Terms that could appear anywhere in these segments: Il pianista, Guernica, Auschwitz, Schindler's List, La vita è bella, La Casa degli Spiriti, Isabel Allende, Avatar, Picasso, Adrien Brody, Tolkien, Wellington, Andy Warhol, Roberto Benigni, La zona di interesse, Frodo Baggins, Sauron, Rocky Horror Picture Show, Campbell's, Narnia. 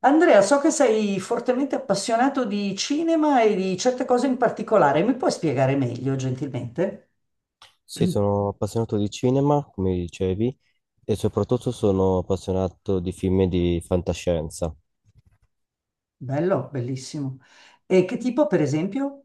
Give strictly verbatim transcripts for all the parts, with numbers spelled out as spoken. Andrea, so che sei fortemente appassionato di cinema e di certe cose in particolare. Mi puoi spiegare meglio, gentilmente? Sì, sono appassionato di cinema, come dicevi, e soprattutto sono appassionato di film di fantascienza. Bello, bellissimo. E che tipo, per esempio?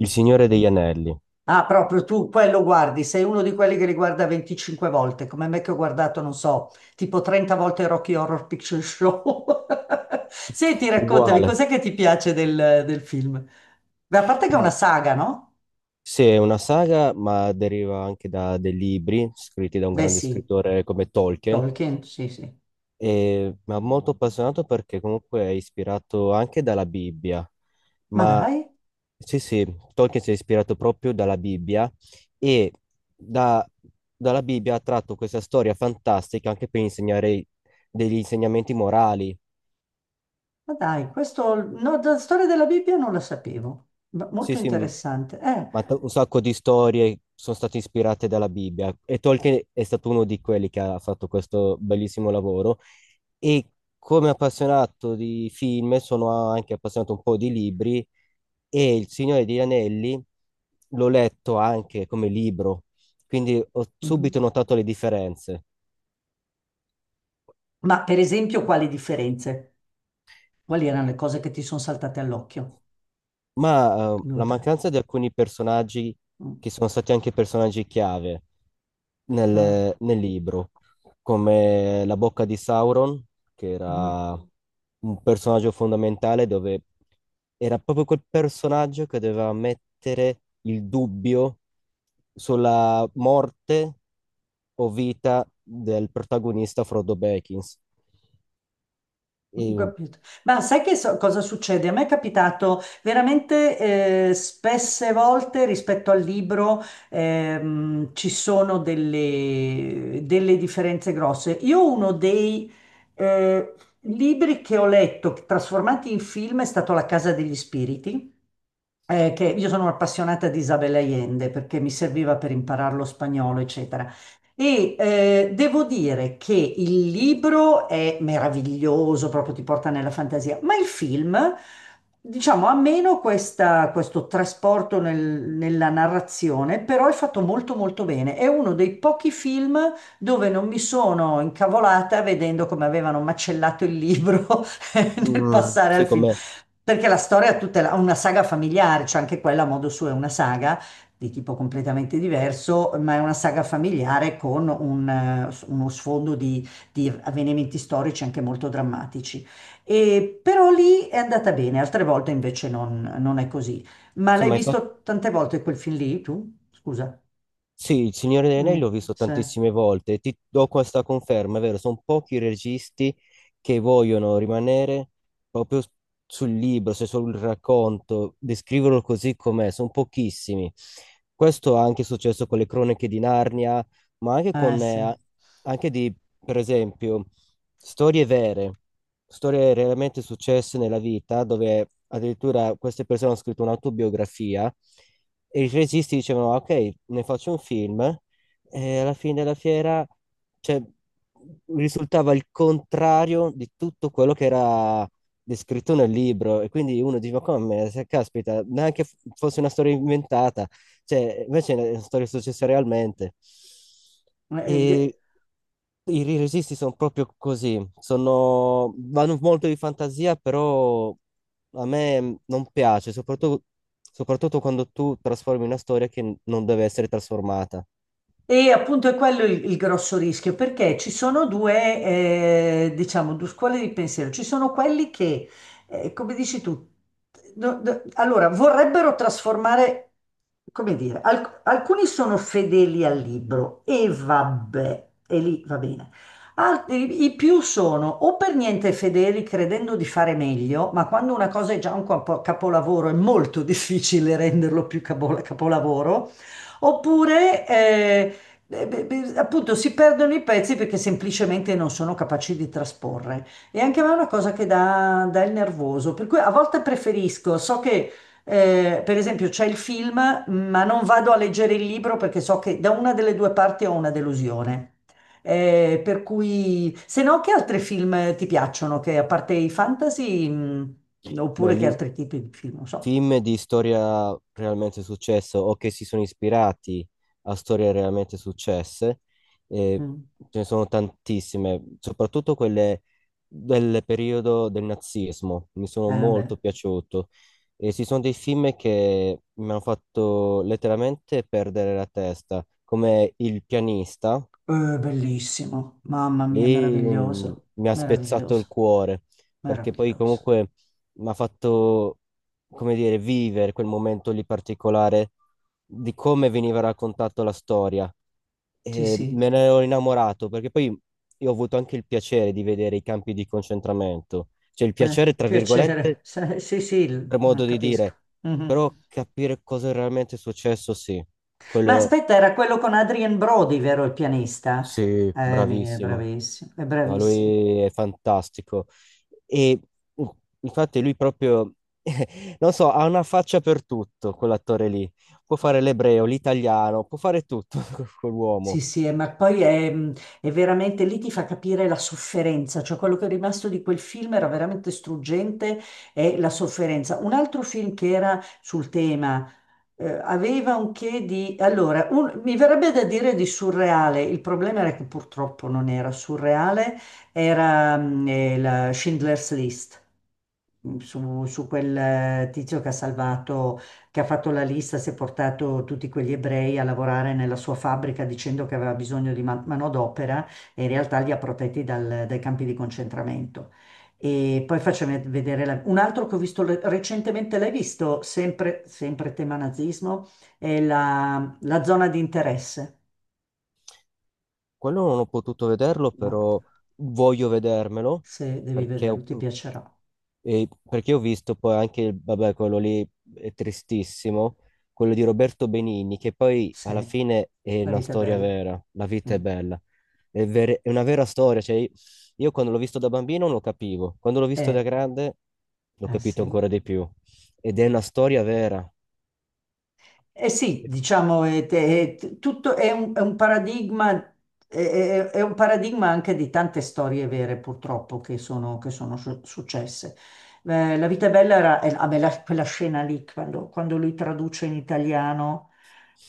Il Signore degli Anelli, Ah, proprio tu quello guardi, sei uno di quelli che li guarda venticinque volte, come me che ho guardato, non so, tipo trenta volte Rocky Horror Picture Show. Senti, raccontami, uguale. cos'è che ti piace del, del film? Beh, a parte che è Ma- una saga, no? sì, è una saga, ma deriva anche da dei libri scritti da un Beh, grande sì, scrittore come Tolkien, Tolkien, sì, sì. E, ma molto appassionato perché comunque è ispirato anche dalla Bibbia. Ma Ma dai. sì, sì, Tolkien si è ispirato proprio dalla Bibbia e da- dalla Bibbia ha tratto questa storia fantastica anche per insegnare degli insegnamenti morali. Ma dai, questo, no, la storia della Bibbia non la sapevo, ma Sì, molto sì, m- interessante. Eh, ma t- un sacco di storie sono state ispirate dalla Bibbia e Tolkien è stato uno di quelli che ha fatto questo bellissimo lavoro. E come appassionato di film sono anche appassionato un po' di libri e Il Signore degli Anelli l'ho letto anche come libro, quindi ho mhm. subito notato le differenze. Ma per esempio, quali differenze? Quali erano le cose che ti sono saltate all'occhio? Ma eh, Due o la tre. mancanza di alcuni personaggi Mm. che sono stati anche personaggi chiave, Ah, nel, nel libro, come la bocca di Sauron, che ah. era un personaggio fondamentale dove era proprio quel personaggio che doveva mettere il dubbio sulla morte o vita del protagonista Frodo Baggins. Ho E, capito. Ma sai che so- cosa succede? A me è capitato veramente eh, spesse volte rispetto al libro, ehm, ci sono delle, delle differenze grosse. Io uno dei eh, libri che ho letto trasformati in film è stato La Casa degli Spiriti, eh, che io sono appassionata di Isabel Allende perché mi serviva per imparare lo spagnolo, eccetera. E eh, devo dire che il libro è meraviglioso, proprio ti porta nella fantasia, ma il film, diciamo, ha meno questa- questo trasporto nel- nella narrazione, però è fatto molto molto bene. È uno dei pochi film dove non mi sono incavolata vedendo come avevano macellato il libro nel mm, passare sì, al film, come, perché la storia è tutta la- una saga familiare, cioè anche quella a modo suo è una saga di tipo completamente diverso, ma è una saga familiare con un, eh, s- uno sfondo di, di avvenimenti storici anche molto drammatici. E, però lì è andata bene, altre volte invece non, non è così. Ma sì, l'hai ma infa- visto tante volte quel film lì, tu? Scusa. Sì, il Signore degli Anelli Mm, l'ho visto sì. tantissime volte, ti do questa conferma, è vero, sono pochi i registi che vogliono rimanere proprio s- sul libro, se sul racconto, descriverlo così com'è, sono pochissimi. Questo è anche successo con le cronache di Narnia, ma anche Eh, con, sì. eh, anche di, per esempio, storie vere, storie realmente successe nella vita, dove addirittura queste persone hanno scritto un'autobiografia e i registi dicevano: "Ah, ok, ne faccio un film e alla fine della fiera, cioè, risultava il contrario di tutto quello che era descritto nel libro", e quindi uno diceva, come, se caspita, neanche f- fosse una storia inventata. Cioè, invece sono storie successe realmente. Eh, E de- i i registi sono proprio così, sono, vanno molto di fantasia, però a me mh, non piace, soprattutto, soprattutto quando tu trasformi una storia che n- non deve essere trasformata. E appunto è quello il, il grosso rischio, perché ci sono due, eh, diciamo, due scuole di pensiero. Ci sono quelli che, eh, come dici tu, no- no- allora vorrebbero trasformare, come dire, alc- alcuni sono fedeli al libro e vabbè, e lì va bene. Altri, i più sono o per niente fedeli credendo di fare meglio, ma quando una cosa è già un capo- capolavoro è molto difficile renderlo più capo- capolavoro. Oppure eh, eh, beh, beh, appunto, si perdono i pezzi perché semplicemente non sono capaci di trasporre. E anche a me è una cosa che dà, dà il nervoso, per cui a volte preferisco, so che, eh, per esempio c'è il film, ma non vado a leggere il libro perché so che da una delle due parti ho una delusione. Eh, per cui, se no, che altri film ti piacciono? Che a parte i fantasy, mh, Beh, oppure che lì altri tipi di film, non so. film di storia realmente successo o che si sono ispirati a storie realmente successe, eh, Mm. ce ne sono tantissime, soprattutto quelle del periodo del nazismo, mi sono Ah, molto beh. piaciuto. E ci sono dei film che mi hanno fatto letteralmente perdere la testa, come Il pianista. Eh, bellissimo, mamma mia, Lì mh, meraviglioso, mi ha spezzato il meraviglioso, cuore, perché poi meraviglioso. comunque mi ha fatto, come dire, vivere quel momento lì particolare di come veniva raccontata la storia. Sì, E sì, me ne ero innamorato, perché poi io ho avuto anche il piacere di vedere i campi di concentramento, cioè il eh, piacere, tra piacere. virgolette, Sì, sì, sì, il- per ma modo di capisco. dire, Mhm. però capire cosa è realmente successo, sì, Ma quello aspetta, era quello con Adrien Brody, vero il pianista? sì, Eh, mi- è bravissimo. bravissimo, è No, bravissimo. lui è fantastico. E uh, infatti lui proprio, non so, ha una faccia per tutto, quell'attore lì. Può fare l'ebreo, l'italiano, può fare tutto Sì, quell'uomo. sì, eh, ma poi è, mm, è veramente lì ti fa capire la sofferenza, cioè quello che è rimasto di quel film era veramente struggente, è la sofferenza. Un altro film che era sul tema, eh, aveva un che di... Allora, un- mi verrebbe da dire di surreale, il problema era che purtroppo non era surreale, era mm, eh, la Schindler's List su, su quel eh, tizio che ha salvato, che ha fatto la lista, si è portato tutti quegli ebrei a lavorare nella sua fabbrica dicendo che aveva bisogno di man- manodopera e in realtà li ha protetti dal- dai campi di concentramento. E poi facciamo vedere la- un altro che ho visto le- recentemente, l'hai visto, sempre, sempre tema nazismo, è la, la zona di interesse. Quello non ho potuto vederlo, No, però voglio vedermelo, se devi perché ho, vederlo, ti piacerà. e- perché ho visto poi anche, vabbè, quello lì è tristissimo, quello di Roberto Benigni, che poi Sì, alla fine è la una vita è storia bella. vera, la vita è Mm. bella. È, ver- è una vera storia, cioè io quando l'ho visto da bambino non lo capivo, quando l'ho visto da Eh, grande l'ho eh capito sì. ancora di più ed è una storia vera, Eh sì, diciamo, è, è- è- tutto è un, è un paradigma, è, è- è un paradigma anche di tante storie vere, purtroppo, che sono, che sono su- successe. Eh, La vita è bella era, eh, ah, beh, la- quella scena lì, quando, quando lui traduce in italiano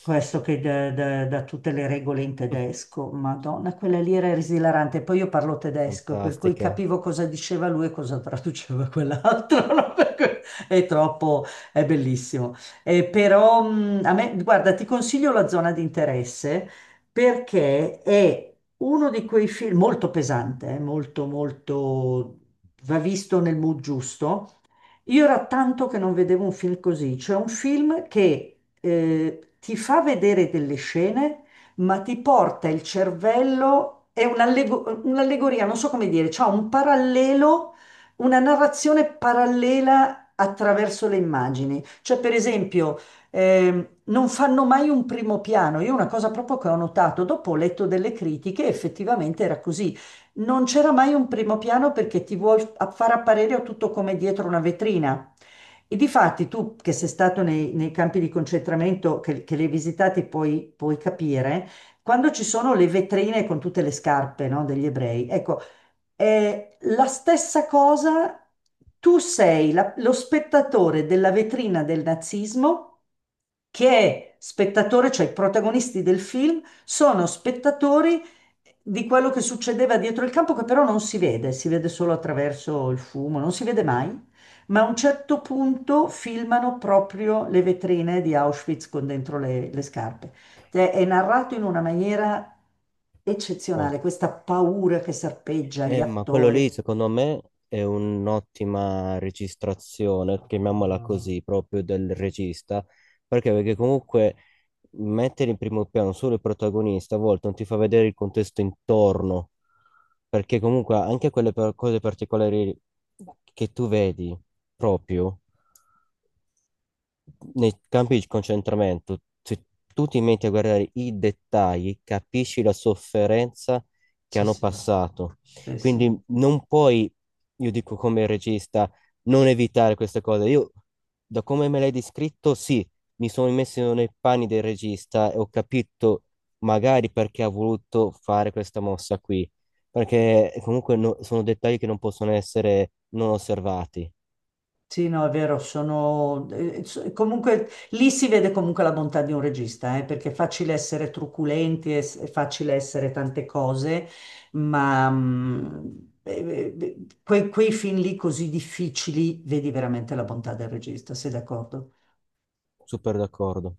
questo che da, da- da tutte le regole in tedesco, Madonna, quella lì era esilarante. Poi io parlo tedesco, per cui fantastica. capivo cosa diceva lui e cosa traduceva quell'altro, no? Per cui è troppo, è bellissimo. Eh, però mh, a me, guarda, ti consiglio la zona di interesse perché è uno di quei film molto pesante, eh, molto, molto, va visto nel mood giusto. Io era tanto che non vedevo un film così, cioè un film che, eh, ti fa vedere delle scene, ma ti porta il cervello, è un'allego- un'allegoria, non so come dire, c'ha un parallelo, una narrazione parallela attraverso le immagini. Cioè, per esempio, ehm, non fanno mai un primo piano. Io una cosa proprio che ho notato, dopo ho letto delle critiche, effettivamente era così, non c'era mai un primo piano perché ti vuoi a- far apparire tutto come dietro una vetrina. E difatti tu che sei stato nei, nei campi di concentramento che, che li hai visitati puoi, puoi capire, quando ci sono le vetrine con tutte le scarpe, no, degli ebrei, ecco, è la stessa cosa, tu sei la- lo spettatore della vetrina del nazismo che è spettatore, cioè i protagonisti del film sono spettatori di quello che succedeva dietro il campo, che però non si vede, si vede solo attraverso il fumo, non si vede mai. Ma a un certo punto filmano proprio le vetrine di Auschwitz con dentro le, le scarpe. Cioè, è narrato in una maniera Oh. eccezionale, questa paura che serpeggia gli Eh, ma quello lì, attori. secondo me, è un'ottima registrazione, chiamiamola così, proprio del regista, perché, perché comunque mettere in primo piano solo il protagonista a volte non ti fa vedere il contesto intorno, perché comunque anche quelle per- cose particolari che tu vedi proprio nei campi di concentramento, se tu ti metti a guardare i dettagli, capisci la sofferenza che Sì, hanno sì, passato. sì, sì. Quindi non puoi, io dico come regista, non evitare queste cose. Io, da come me l'hai descritto, sì, mi sono messo nei panni del regista e ho capito magari perché ha voluto fare questa mossa qui. Perché comunque no- sono dettagli che non possono essere non osservati. Sì, no, è vero, sono... eh, so- comunque lì si vede comunque la bontà di un regista, eh, perché è facile essere truculenti, è, s- è facile essere tante cose, ma mm, eh, eh, quei, quei film lì così difficili vedi veramente la bontà del regista, sei d'accordo? Super d'accordo.